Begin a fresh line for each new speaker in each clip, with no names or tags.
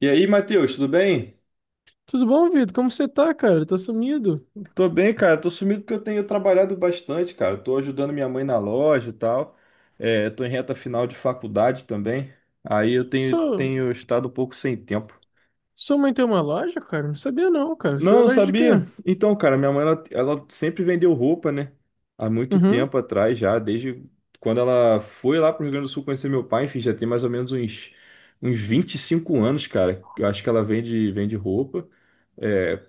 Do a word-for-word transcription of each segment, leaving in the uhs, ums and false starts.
E aí, Matheus, tudo bem?
Tudo bom, Vitor? Como você tá, cara? Tá sumido?
Tô bem, cara. Tô sumido porque eu tenho trabalhado bastante, cara. Tô ajudando minha mãe na loja e tal. É, tô em reta final de faculdade também. Aí eu tenho,
Sua,
tenho estado um pouco sem tempo.
sua mãe tem uma loja, cara? Não sabia não, cara.
Não,
Sua
não
loja de quê?
sabia? Então, cara, minha mãe, ela, ela sempre vendeu roupa, né? Há muito
Uhum.
tempo atrás já, desde quando ela foi lá pro Rio Grande do Sul conhecer meu pai, enfim, já tem mais ou menos uns, uns vinte e cinco anos, cara. Eu acho que ela vende, vende roupa. É,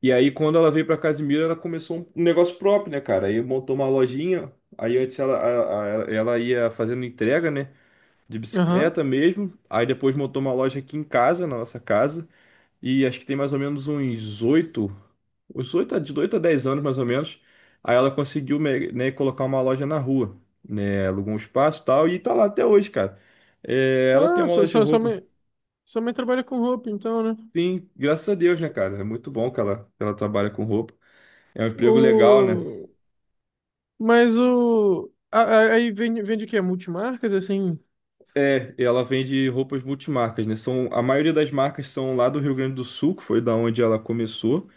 e aí, quando ela veio pra Casimiro, ela começou um negócio próprio, né, cara? Aí montou uma lojinha. Aí antes ela, a- a- ela ia fazendo entrega, né? De
Aham.
bicicleta mesmo. Aí depois montou uma loja aqui em casa, na nossa casa. E acho que tem mais ou menos uns oito, uns oito, a- de oito a dez anos mais ou menos. Aí ela conseguiu, me- né, colocar uma loja na rua, né? Alugou um espaço e tal. E tá lá até hoje, cara. É, ela tem
Ah,
uma
sua,
loja de
sua, sua
roupa.
mãe, sua mãe trabalha com roupa, então, né?
Sim, graças a Deus, né, cara? É muito bom que ela, que ela trabalha com roupa. É um emprego legal, né?
O... Mas o... a- a- Aí vende, vende o quê? Multimarcas, assim?
É, ela vende roupas multimarcas, né? São, a maioria das marcas são lá do Rio Grande do Sul, que foi da onde ela começou,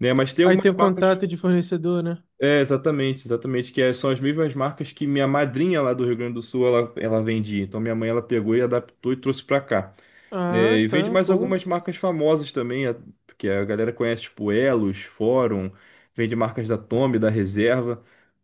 né? Mas tem
Aí
algumas
tem o
marcas.
contato de fornecedor, né?
É, exatamente, exatamente, que é- são as mesmas marcas que minha madrinha lá do Rio Grande do Sul, ela, ela vendia. Então minha mãe, ela pegou e adaptou e trouxe pra cá. É,
Ah,
e vende
tá,
mais
bom.
algumas marcas famosas também, a- que a galera conhece, tipo Elos, Fórum, vende marcas da Tommy, da Reserva,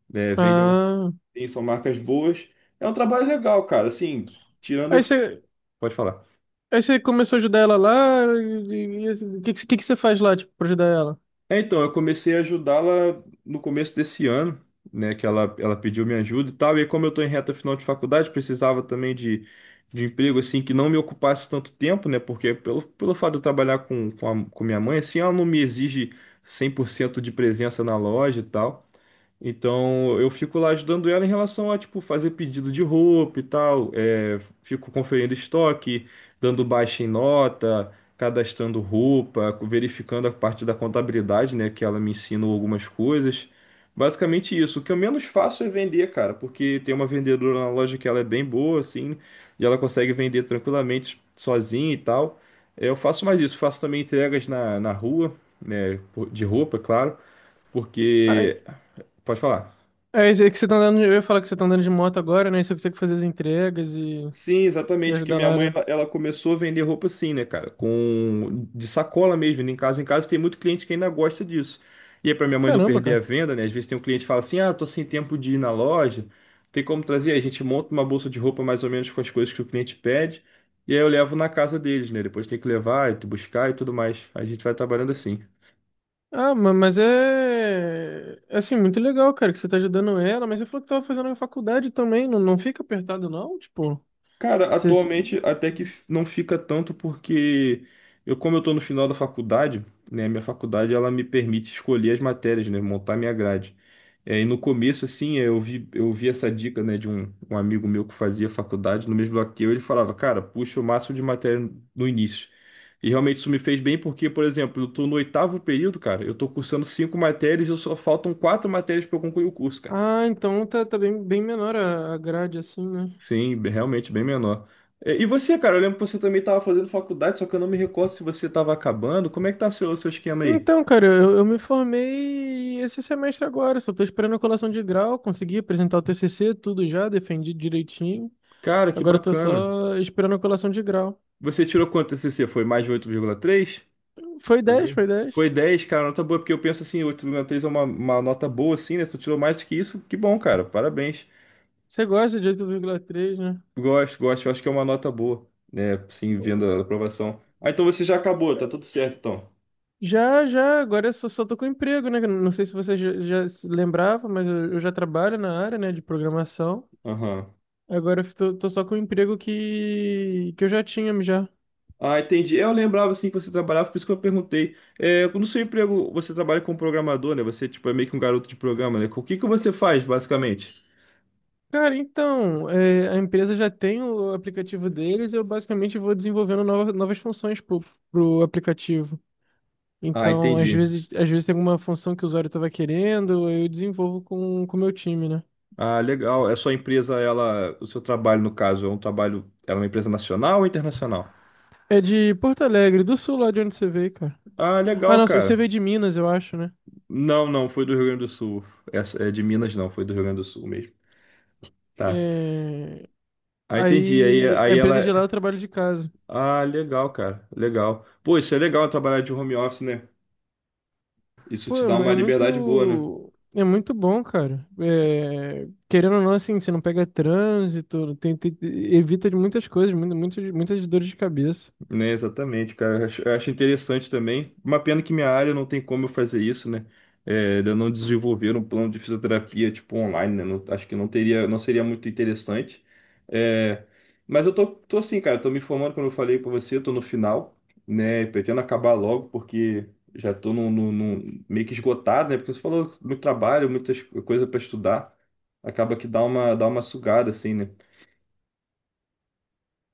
né? Vende,
Ah...
tem- são marcas boas. É um trabalho legal, cara, assim, tirando...
Aí você...
Pode falar.
Aí você começou a ajudar ela lá, e e- e- o que, que, você- o que que você faz lá, tipo, pra ajudar ela?
É, então, eu comecei a ajudá-la no começo desse ano, né? Que ela, ela pediu minha ajuda e tal. E aí, como eu estou em reta final de faculdade, precisava também de, de emprego, assim, que não me ocupasse tanto tempo, né? Porque pelo, pelo fato de eu trabalhar com, com, a- com minha mãe, assim, ela não me exige cem por cento de presença na loja e tal. Então eu fico lá ajudando ela em relação a tipo fazer pedido de roupa e tal, é, fico conferindo estoque, dando baixa em nota, cadastrando roupa, verificando a parte da contabilidade, né, que ela me ensina algumas coisas. Basicamente isso. O que eu menos faço é vender, cara, porque tem uma vendedora na loja que ela é bem boa, assim, e ela consegue vender tranquilamente sozinha e tal. É, eu faço mais isso, faço também entregas na, na rua, né, por- de roupa, é claro, porque pode falar.
É isso aí que você tá andando. De- Eu ia falar que você tá andando de moto agora, né? Isso que você consegue fazer as entregas e,
Sim,
e
exatamente, porque
ajudar
minha
lá,
mãe
né?
ela, ela começou a vender roupa assim, né, cara, com de sacola mesmo, indo em casa em casa tem muito cliente que ainda gosta disso. E aí para minha mãe não
Caramba,
perder a
cara.
venda, né, às vezes tem um cliente que fala assim: "Ah, tô sem tempo de ir na loja, tem como trazer?" Aí a gente monta uma bolsa de roupa mais ou menos com as coisas que o cliente pede, e aí eu levo na casa deles, né? Depois tem que levar e tu buscar e tudo mais. A gente vai trabalhando assim.
Ah, ma- mas é. é, Assim, muito legal, cara, que você tá ajudando ela, mas você falou que tava fazendo na faculdade também. Não, não fica apertado, não? Tipo,
Cara,
você.
atualmente até que f- não fica tanto porque eu, como eu tô no final da faculdade, né, minha faculdade ela me permite escolher as matérias, né, montar minha grade. É, e no começo, assim, é, eu vi, eu vi essa dica, né, de um, um amigo meu que fazia faculdade, no mesmo bloco que eu, ele falava, cara, puxa o máximo de matéria no início. E realmente isso me fez bem porque, por exemplo, eu tô no oitavo período, cara, eu tô cursando cinco matérias e eu só faltam quatro matérias para eu concluir o curso, cara.
Ah, então tá, tá bem, bem menor a, a grade, assim, né?
Sim, bem- realmente bem menor. E e você, cara, eu lembro que você também estava fazendo faculdade, só que eu não me recordo se você estava acabando. Como é que tá seu, o seu esquema aí?
Então, cara, eu, eu me formei esse semestre agora, só tô esperando a colação de grau, consegui apresentar o T C C, tudo já, defendi direitinho.
Cara, que
Agora eu tô
bacana.
só esperando a colação de grau.
Você tirou quanto T C C? Foi mais de oito vírgula três?
Foi
Por
dez,
aí.
foi dez.
Foi dez cara, nota boa, porque eu penso assim, oito vírgula três é uma, uma nota boa, assim, né? Se tu tirou mais do que isso, que bom, cara, parabéns.
Você gosta de oito vírgula três, né?
Gosto, gosto, eu acho que é uma nota boa, né? Sim vendo a aprovação. Ah, então você já acabou, tá tudo certo, então.
Já, já, agora eu só, só tô com emprego, né? Não sei se você já, já se lembrava, mas eu, eu já trabalho na área, né, de programação.
Aham.
Agora eu tô, tô só com o emprego que, que eu já tinha já.
Ah, entendi. Eu lembrava assim que você trabalhava, por isso que eu perguntei. É, no seu emprego, você trabalha como programador, né? Você tipo, é meio que um garoto de programa, né? O que que você faz, basicamente?
Cara, então, é, a empresa já tem o aplicativo deles, eu basicamente vou desenvolvendo novas, novas funções pro, pro aplicativo.
Ah,
Então, às
entendi.
vezes, às vezes tem alguma função que o usuário estava querendo, eu desenvolvo com com o meu time, né?
Ah, legal. É sua empresa, ela, o seu trabalho, no caso, é um trabalho, ela é uma empresa nacional ou internacional?
É de Porto Alegre, do sul, lá de onde você veio, cara.
Ah,
Ah,
legal,
não, você
cara.
veio de Minas, eu acho, né?
Não, não, foi do Rio Grande do Sul. Essa é de Minas, não, foi do Rio Grande do Sul mesmo. Tá.
É.
Ah, entendi. Aí,
Aí, a
aí ela.
empresa de
É,
lá eu trabalho de casa.
ah, legal, cara. Legal. Pô, isso é legal trabalhar de home office, né? Isso
Pô,
te
é
dá
mu-
uma
é
liberdade boa, né?
muito, é muito bom, cara. É, querendo ou não, assim, você não pega trânsito, tem, tem- evita de muitas coisas, muitas, muitas, muitas dores de cabeça.
Né, exatamente, cara. Eu acho, eu acho interessante também. Uma pena que minha área não tem como eu fazer isso, né? É, de eu não desenvolver um plano de fisioterapia tipo online, né? Não- acho que não teria, não seria muito interessante. É, mas eu tô, tô assim, cara. Eu tô me formando, como eu falei pra você, eu tô no final, né? Pretendo acabar logo, porque já tô num, num- num- meio que esgotado, né? Porque você falou muito trabalho, muitas coisas pra estudar. Acaba que dá uma, dá uma sugada, assim, né?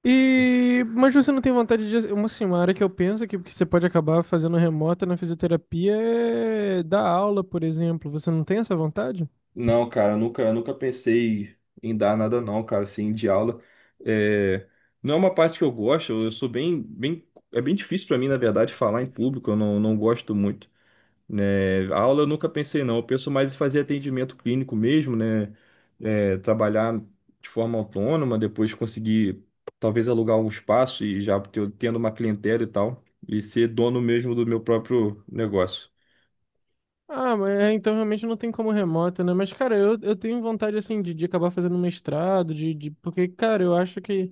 E, mas você não tem vontade de, uma, assim, uma área que eu penso que, que você pode acabar fazendo remota na fisioterapia é dar aula, por exemplo. Você não tem essa vontade?
Não, cara, eu nunca, eu nunca pensei em dar nada não, cara, assim, de aula. É, não é uma parte que eu gosto, eu sou bem, bem, é bem difícil pra mim, na verdade, falar em público, eu não, não gosto muito, né? Aula eu nunca pensei não, eu penso mais em fazer atendimento clínico mesmo, né? É, trabalhar de forma autônoma, depois conseguir talvez alugar um espaço e já ter- tendo uma clientela e tal, e ser dono mesmo do meu próprio negócio.
Ah, mas é, então realmente não tem como remoto, né? Mas, cara, eu, eu tenho vontade, assim, de, de acabar fazendo um mestrado, de, de... Porque, cara, eu acho que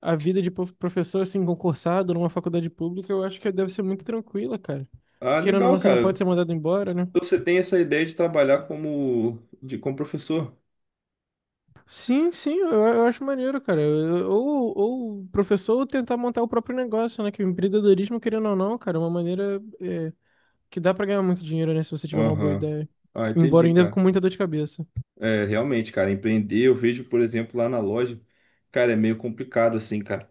a vida de prof- professor, assim, concursado numa faculdade pública, eu acho que deve ser muito tranquila, cara.
Ah,
Porque, querendo ou não,
legal,
você não pode
cara.
ser mandado embora, né?
Você tem essa ideia de trabalhar como, de, como professor?
Sim, sim, eu, eu acho maneiro, cara. Eu- Ou, ou o professor tentar montar o próprio negócio, né? Que o empreendedorismo, querendo ou não, cara, é uma maneira é, que dá pra ganhar muito dinheiro, né? Se você tiver uma boa
Aham.
ideia.
Ah,
Embora
entendi,
ainda com
cara.
muita dor de cabeça.
É, realmente, cara, empreender, eu vejo, por exemplo, lá na loja, cara, é meio complicado, assim, cara.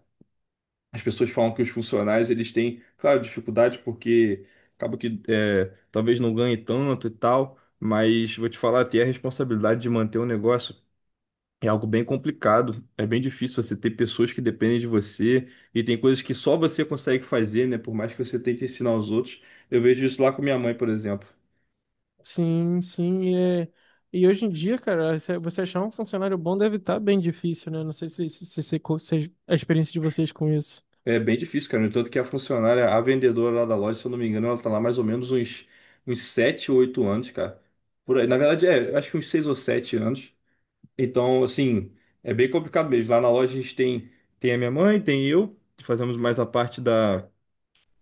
As pessoas falam que os funcionários, eles têm, claro, dificuldade porque acaba que é, talvez não ganhe tanto e tal, mas vou te falar, ter a responsabilidade de manter o negócio, é algo bem complicado, é bem difícil você ter pessoas que dependem de você e tem coisas que só você consegue fazer, né? Por mais que você tente ensinar aos outros. Eu vejo isso lá com minha mãe, por exemplo.
Sim, sim, e, é- e hoje em dia, cara, se- você achar um funcionário bom deve estar bem difícil, né? Não sei se, se, se, se, co- se a experiência de vocês com isso.
É bem difícil, cara. No entanto que a funcionária, a vendedora lá da loja, se eu não me engano, ela tá lá mais ou menos uns, uns sete ou oito anos, cara. Por aí. Na verdade, é, eu acho que uns seis ou sete anos. Então, assim, é bem complicado mesmo. Lá na loja a gente tem, tem a minha mãe, tem eu, fazemos mais a parte da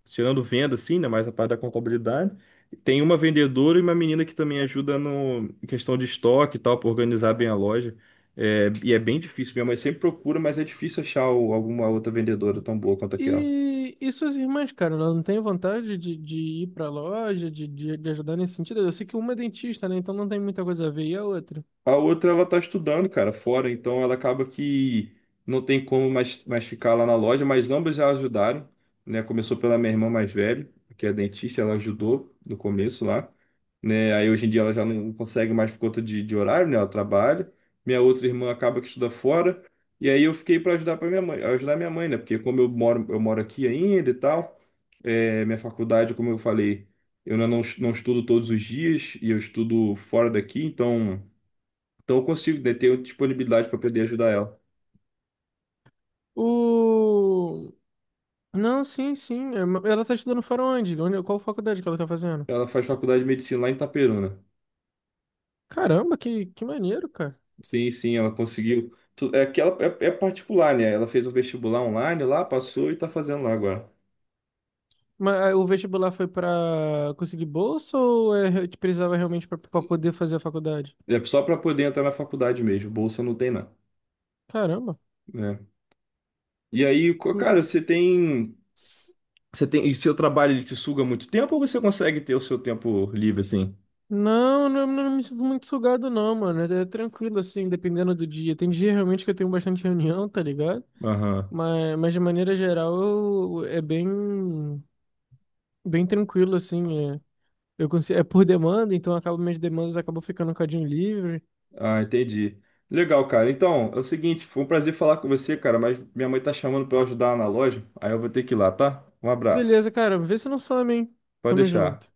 tirando venda, assim, né? Mais a parte da contabilidade. Tem uma vendedora e uma menina que também ajuda no em questão de estoque e tal, para organizar bem a loja. É, e é bem difícil. Minha mãe sempre procura, mas é difícil achar o- alguma outra vendedora tão boa quanto aquela.
E, e suas irmãs, cara, elas não têm vontade de, de ir pra loja, de, de, de ajudar nesse sentido? Eu sei que uma é dentista, né? Então não tem muita coisa a ver. E a outra?
A outra, ela tá estudando, cara, fora, então ela acaba que não tem como mais, mais ficar lá na loja, mas ambas já ajudaram, né? Começou pela minha irmã mais velha, que é dentista, ela ajudou no começo lá, né? Aí hoje em dia ela já não consegue mais por conta de, de horário, né? Ela trabalha. Minha outra irmã acaba que estuda fora, e aí eu fiquei para ajudar para minha mãe, ajudar minha mãe, né? Porque como eu moro, eu moro aqui ainda e tal, é, minha faculdade, como eu falei, eu não, não estudo todos os dias e eu estudo fora daqui, então. Então eu consigo, né, ter disponibilidade para poder ajudar ela.
O... Não, sim, sim. é, ma- Ela tá estudando fora onde? Onde- Qual faculdade que ela tá fazendo?
Ela faz faculdade de medicina lá em Itaperuna.
Caramba, que, que maneiro, cara.
Sim, sim, ela conseguiu. Tu- É que ela é, é particular, né? Ela fez um vestibular online lá, passou e tá fazendo lá agora.
Mas ah, o vestibular foi pra conseguir bolsa ou é, te precisava realmente pra pra poder fazer a faculdade?
É só para poder entrar na faculdade mesmo. Bolsa não tem não,
Caramba.
né? E aí, co- cara,
N-
você tem, você tem, e seu trabalho ele te suga muito tempo ou você consegue ter o seu tempo livre assim?
Não, não, não me sinto muito sugado não, mano. É é tranquilo assim, dependendo do dia. Tem dia realmente que eu tenho bastante reunião, tá ligado?
Aham.
Mas, mas de maneira geral eu- é bem, bem tranquilo assim. É, eu consigo, é por demanda, então acabo minhas demandas acabam ficando um cadinho livre.
Ah, entendi. Legal, cara. Então, é o seguinte, foi um prazer falar com você, cara, mas minha mãe tá chamando pra eu ajudar ela na loja, aí eu vou ter que ir lá, tá? Um abraço.
Beleza, cara. Vê se não some, hein?
Pode
Tamo
deixar.
junto.